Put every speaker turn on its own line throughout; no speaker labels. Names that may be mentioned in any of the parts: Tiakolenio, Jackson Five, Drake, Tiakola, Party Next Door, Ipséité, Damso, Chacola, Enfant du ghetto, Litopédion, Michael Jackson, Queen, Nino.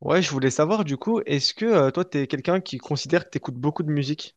Ouais, je voulais savoir du coup, est-ce que toi, t'es quelqu'un qui considère que t'écoutes beaucoup de musique?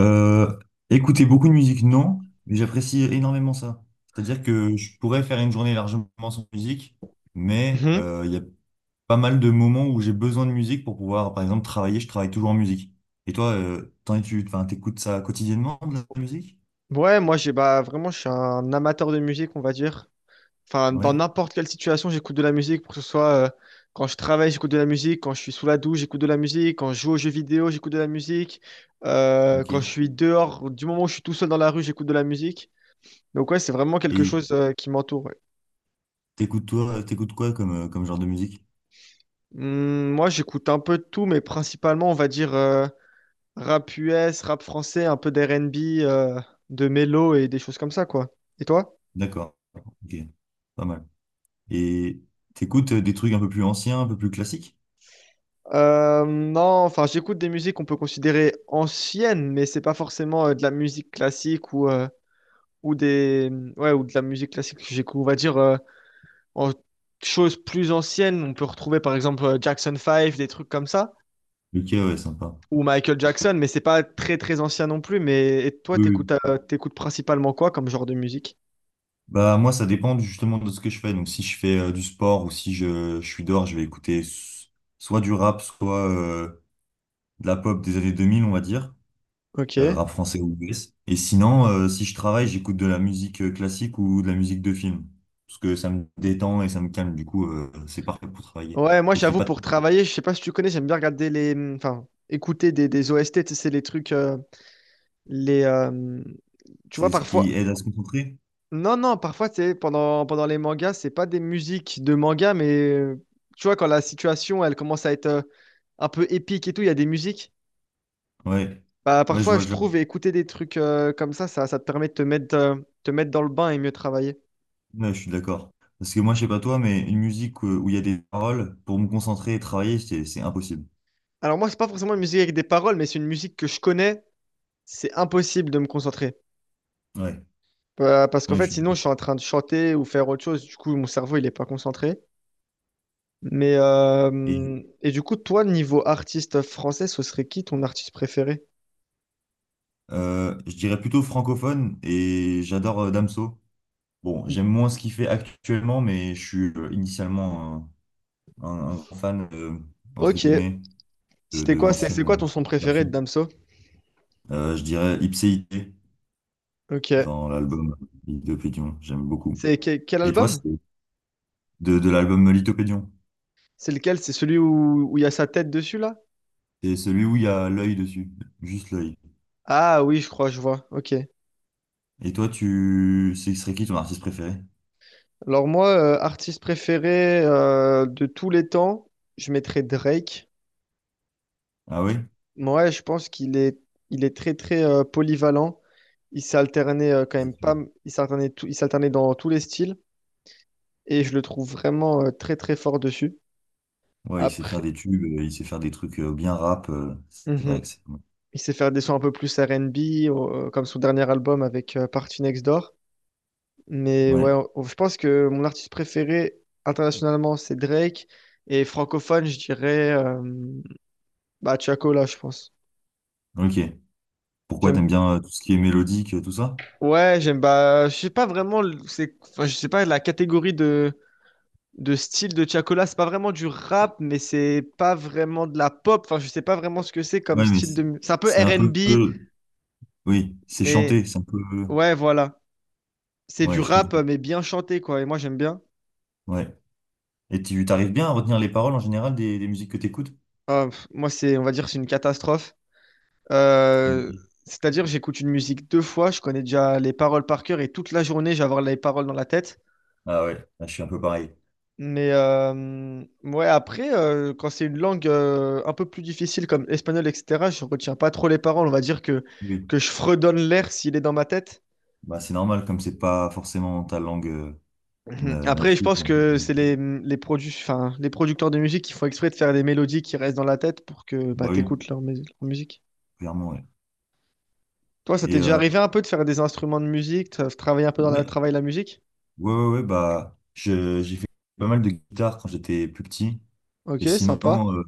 Euh, Écouter beaucoup de musique, non, mais j'apprécie énormément ça. C'est-à-dire que je pourrais faire une journée largement sans musique, mais
Mhm.
il y a pas mal de moments où j'ai besoin de musique pour pouvoir, par exemple, travailler. Je travaille toujours en musique. Et toi, tu, enfin, t'écoutes ça quotidiennement de la musique?
Ouais, moi, j'ai vraiment, je suis un amateur de musique, on va dire. Enfin, dans
Ouais,
n'importe quelle situation, j'écoute de la musique, pour que ce soit quand je travaille, j'écoute de la musique, quand je suis sous la douche, j'écoute de la musique, quand je joue aux jeux vidéo, j'écoute de la musique, quand je
ok.
suis dehors, du moment où je suis tout seul dans la rue, j'écoute de la musique. Donc ouais, c'est vraiment quelque
Et
chose qui m'entoure. Ouais.
t'écoutes toi, t'écoutes quoi comme, comme genre de musique?
Moi, j'écoute un peu de tout, mais principalement, on va dire, Rap US, rap français, un peu d'R&B, euh, de mélo et des choses comme ça, quoi. Et toi?
D'accord, ok, pas mal. Et t'écoutes des trucs un peu plus anciens, un peu plus classiques?
Non, enfin, j'écoute des musiques qu'on peut considérer anciennes, mais c'est pas forcément de la musique classique ou des, ouais, ou de la musique classique. Que J'écoute, on va dire, en choses plus anciennes. On peut retrouver, par exemple, Jackson Five, des trucs comme ça,
Ok, ouais, sympa.
ou Michael Jackson, mais c'est pas très, très ancien non plus. Mais et toi,
Oui, oui.
t'écoutes principalement quoi comme genre de musique?
Bah moi ça dépend justement de ce que je fais. Donc si je fais du sport ou si je, je suis dehors, je vais écouter soit du rap, soit de la pop des années 2000 on va dire,
Ok.
rap français ou US. Et sinon, si je travaille, j'écoute de la musique classique ou de la musique de film. Parce que ça me détend et ça me calme. Du coup, c'est parfait pour travailler.
Ouais, moi
Faut qu'il y ait
j'avoue
pas de
pour travailler, je sais pas si tu connais, j'aime bien écouter des OST, tu sais, c'est les trucs, les, tu
C'est
vois
ce
parfois,
qui aide à se concentrer.
non non, parfois c'est pendant les mangas, c'est pas des musiques de manga, mais tu vois quand la situation elle commence à être un peu épique et tout, il y a des musiques.
Ouais.
Bah
Ouais, je
parfois
vois
je
le genre.
trouve écouter des trucs comme ça, ça te permet de te mettre dans le bain et mieux travailler.
Ouais, je suis d'accord. Parce que moi, je sais pas toi, mais une musique où il y a des paroles, pour me concentrer et travailler, c'est impossible.
Alors moi c'est pas forcément une musique avec des paroles, mais c'est une musique que je connais, c'est impossible de me concentrer.
Ouais.
Bah, parce qu'en
Ouais, je
fait,
suis
sinon,
d'accord.
je suis en train de chanter ou faire autre chose. Du coup, mon cerveau, il est pas concentré.
Et,
Et du coup, toi, niveau artiste français, ce serait qui ton artiste préféré?
je dirais plutôt francophone et j'adore Damso. Bon, j'aime moins ce qu'il fait actuellement, mais je suis initialement un grand fan, entre
Ok.
guillemets,
C'était
de
quoi? C'est
l'ancienne
c'est quoi ton son préféré de
version.
Damso?
Je dirais Ipséité
Ok.
dans l'album Litopédion. J'aime beaucoup.
Quel
Et toi,
album?
c'est de l'album Litopédion.
C'est lequel? C'est celui où il y a sa tête dessus là?
C'est celui où il y a l'œil dessus, juste l'œil.
Ah oui, je crois, je vois. Ok.
Et toi, tu, ce serait qui ton artiste préféré?
Alors moi, artiste préféré de tous les temps, je mettrais Drake.
Ah oui?
Ouais, je pense il est très très polyvalent. Il s'est alterné quand même pas, m- il s'alternait il s'alternait dans tous les styles et je le trouve vraiment très très fort dessus.
Ouais, il sait faire
Après,
des tubes, il sait faire des trucs bien rap. C'est
Mhm,
vrai que c'est.
il sait faire des sons un peu plus R&B comme son dernier album avec Party Next Door. Mais ouais,
Ouais,
je pense que mon artiste préféré internationalement c'est Drake et francophone je dirais Tiako là je pense.
ok. Pourquoi
J'aime,
t'aimes bien tout ce qui est mélodique, tout ça?
ouais j'aime je sais pas vraiment c'est, enfin, je sais pas la catégorie de style de Tiakola. C'est pas vraiment du rap, mais c'est pas vraiment de la pop. Enfin, je sais pas vraiment ce que c'est comme
Ouais, mais
style
c'est
de. C'est un peu
un peu.
R&B,
Oui, c'est
mais
chanté, c'est un peu.
ouais, voilà. C'est du
Ouais, je
rap,
comprends.
mais bien chanté, quoi. Et moi, j'aime bien.
Ouais. Et tu t'arrives bien à retenir les paroles en général des musiques que t'écoutes?
Ah, pff, moi, c'est, on va dire, c'est une catastrophe. Euh,
Oui.
C'est-à-dire, j'écoute une musique deux fois, je connais déjà les paroles par cœur et toute la journée, j'ai avoir les paroles dans la tête.
Ah ouais, là, je suis un peu pareil.
Quand c'est une langue un peu plus difficile comme espagnol, etc., je retiens pas trop les paroles. On va dire
Oui.
que je fredonne l'air s'il est dans ma tête.
Bah, c'est normal, comme c'est pas forcément ta langue
Mhm. Après, je
native.
pense que c'est les producteurs de musique qui font exprès de faire des mélodies qui restent dans la tête pour que bah,
Bah
tu
oui,
écoutes leur musique.
clairement, ouais.
Toi, ça t'est
Et
déjà arrivé un peu de faire des instruments de musique, de travailler un peu dans le
ouais,
travail la musique?
ouais, ouais, ouais, bah, j'ai fait pas mal de guitare quand j'étais plus petit.
Ok,
Et
sympa.
sinon, euh,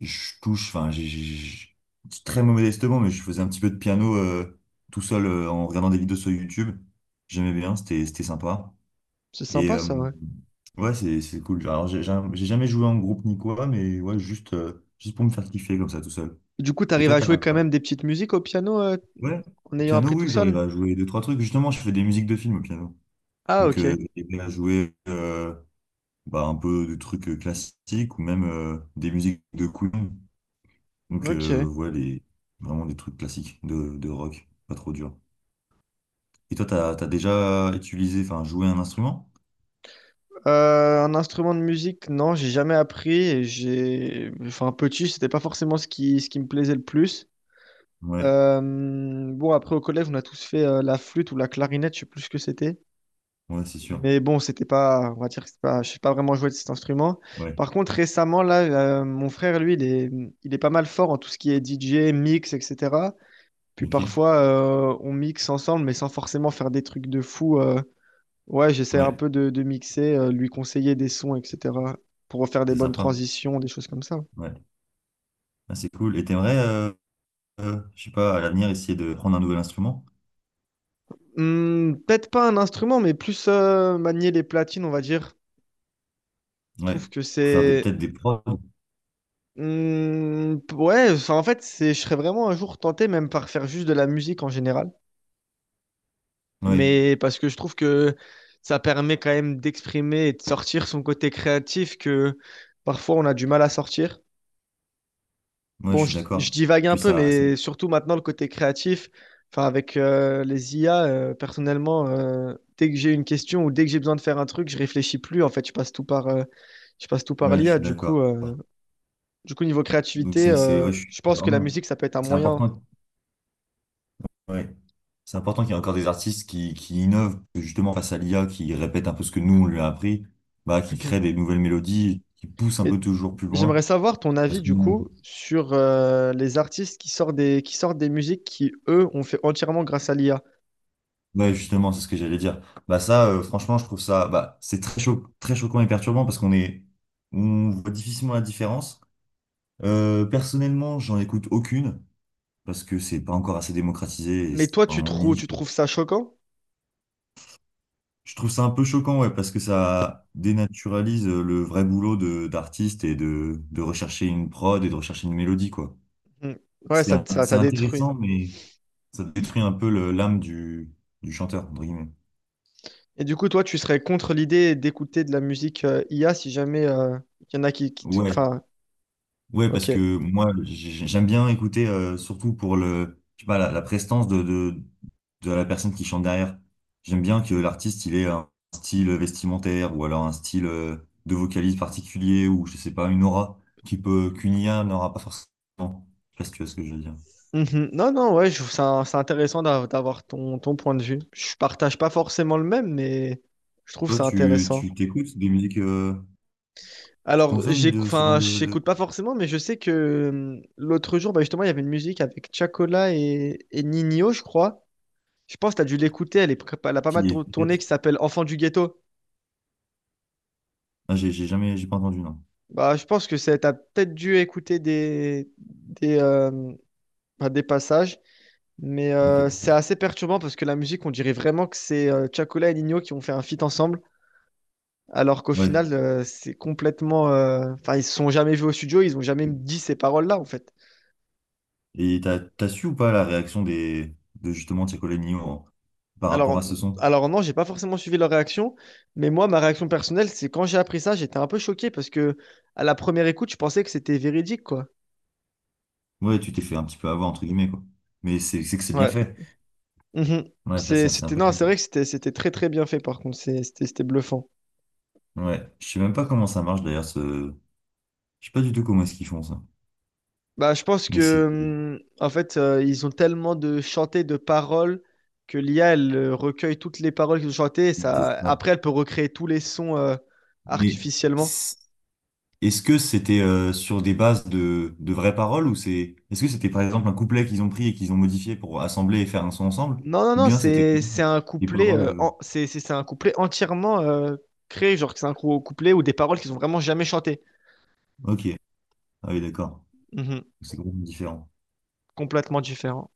je touche, enfin, c'est très modestement, mais je faisais un petit peu de piano tout seul en regardant des vidéos sur YouTube. J'aimais bien, c'était sympa.
C'est
Et
sympa ça, ouais.
ouais, c'est cool. Alors, j'ai jamais joué en groupe ni quoi, mais ouais, juste, juste pour me faire kiffer comme ça tout seul.
Du coup,
Et
t'arrives
toi,
à
t'as.
jouer quand même des petites musiques au piano,
Ouais,
en ayant
piano,
appris tout
oui, j'arrive
seul?
à jouer deux, trois trucs. Justement, je fais des musiques de films au piano.
Ah,
Donc,
ok.
j'ai aidé à jouer. Bah, un peu de trucs classiques ou même des musiques de Queen. Donc,
Ok.
ouais, les, vraiment des trucs classiques de rock, pas trop dur. Et toi, t'as, t'as déjà utilisé, enfin, joué un instrument?
Un instrument de musique, non, j'ai jamais appris. J'ai, enfin, petit, c'était pas forcément ce ce qui me plaisait le plus.
Ouais,
Euh, Après au collège, on a tous fait la flûte ou la clarinette, je sais plus ce que c'était.
ouais, c'est sûr.
Mais bon, c'était pas, on va dire, que c'est pas, je sais pas vraiment jouer de cet instrument.
Ouais,
Par contre, récemment, là, mon frère, il est pas mal fort en tout ce qui est DJ, mix, etc. Puis
ok.
parfois, on mixe ensemble, mais sans forcément faire des trucs de fou. Ouais, j'essaie un
Ouais,
peu de mixer, lui conseiller des sons, etc., pour faire des
c'est
bonnes
sympa.
transitions, des choses comme ça.
Ouais, ah, c'est cool. Et t'aimerais, je sais pas, à l'avenir, essayer de prendre un nouvel instrument?
Peut-être pas un instrument, mais plus manier les platines, on va dire. Je
Ouais,
trouve que
ou faire des,
c'est...
peut-être des prods.
Je serais vraiment un jour tenté même par faire juste de la musique en général.
Ouais,
Parce que je trouve que ça permet quand même d'exprimer et de sortir son côté créatif que parfois on a du mal à sortir.
ouais,
Bon,
je suis
je
d'accord.
divague un
Puis
peu,
ça,
mais surtout maintenant, le côté créatif, enfin, avec les IA, dès que j'ai une question ou dès que j'ai besoin de faire un truc, je réfléchis plus. En fait, je passe tout par
ouais, je
l'IA.
suis d'accord.
Du coup, niveau
Donc,
créativité,
ouais, je suis
je pense que la
vraiment,
musique, ça peut être un
c'est
moyen.
important. Ouais. C'est important qu'il y ait encore des artistes qui innovent, que justement face à l'IA, qui répète un peu ce que nous on lui a appris, bah, qui créent
Mhm.
des nouvelles mélodies, qui poussent un
Mais
peu toujours plus
j'aimerais
loin.
savoir ton
Parce
avis,
que,
du
ouais,
coup, sur les artistes qui sortent des musiques qui, eux, ont fait entièrement grâce à l'IA.
justement, c'est ce que j'allais dire. Bah, ça, franchement, je trouve ça, bah, c'est très choquant et perturbant parce qu'on est, on voit difficilement la différence. Personnellement, j'en écoute aucune parce que c'est pas encore assez démocratisé et
Mais
c'est
toi,
en niche.
tu trouves ça choquant?
Je trouve ça un peu choquant, ouais, parce que ça dénaturalise le vrai boulot de d'artiste et de rechercher une prod et de rechercher une mélodie, quoi.
Mm. Ouais,
C'est
ça détruit.
intéressant, mais ça détruit un peu l'âme du chanteur, entre guillemets.
Et du coup, toi, tu serais contre l'idée d'écouter de la musique IA si jamais il y en a
Ouais,
Enfin,
ouais, parce
ok.
que moi, j'aime bien écouter, surtout pour le, je sais pas, la prestance de la personne qui chante derrière. J'aime bien que l'artiste, il ait un style vestimentaire ou alors un style de vocalise particulier ou, je sais pas, une aura qui peut, qu'une IA n'aura pas forcément. Je sais pas si tu vois ce que je veux dire.
Mhm. Non, non, ouais, je trouve ça, c'est intéressant d'avoir ton, ton point de vue. Je partage pas forcément le même, mais je trouve
Toi,
ça
tu,
intéressant.
tu t'écoutes des musiques, tu
Alors,
consommes de ce genre de
j'écoute pas forcément, mais je sais que l'autre jour, bah, justement, il y avait une musique avec Chacola et Nino, je crois. Je pense que tu as dû l'écouter, elle a pas mal
qui est
tourné,
faite?
qui s'appelle Enfant du ghetto.
Ah, j'ai jamais, j'ai pas entendu, non.
Bah, je pense que tu as peut-être dû écouter des, pas des passages, mais
Ok,
c'est
peut-être.
assez perturbant parce que la musique, on dirait vraiment que c'est Chacola et Nino qui ont fait un feat ensemble, alors qu'au
Ouais.
final, c'est complètement. Enfin, ils se sont jamais vus au studio, ils ont jamais dit ces paroles-là, en fait.
Et t'as, t'as su ou pas la réaction des, de justement par rapport
Alors,
à ce son?
alors non, j'ai pas forcément suivi leur réaction, mais moi, ma réaction personnelle, c'est quand j'ai appris ça, j'étais un peu choqué parce que à la première écoute, je pensais que c'était véridique, quoi.
Ouais, tu t'es fait un petit peu avoir, entre guillemets, quoi. Mais c'est que c'est bien
Ouais.
fait.
Mhm.
Ouais, c'est
C'était non,
impressionnant.
c'est vrai que c'était très très bien fait par contre. C'était bluffant.
Ouais, je sais même pas comment ça marche d'ailleurs, ce je sais pas du tout comment est-ce qu'ils font ça.
Bah, je pense
Mais c'est
que en fait ils ont tellement de chantés de paroles que l'IA elle recueille toutes les paroles qu'ils ont chantées et
c'est
ça
ça.
après elle peut recréer tous les sons
Mais
artificiellement.
c- est-ce que c'était sur des bases de vraies paroles ou c'est... Est-ce que c'était par exemple un couplet qu'ils ont pris et qu'ils ont modifié pour assembler et faire un son ensemble?
Non non
Ou
non,
bien c'était
C'est un
des
couplet
paroles...
euh, en- c'est c'est c'est un couplet entièrement créé, genre que c'est un couplet ou des paroles qu'ils ont vraiment jamais chantées.
Ok, ah oui, d'accord.
Mhm.
C'est complètement différent.
Complètement différent.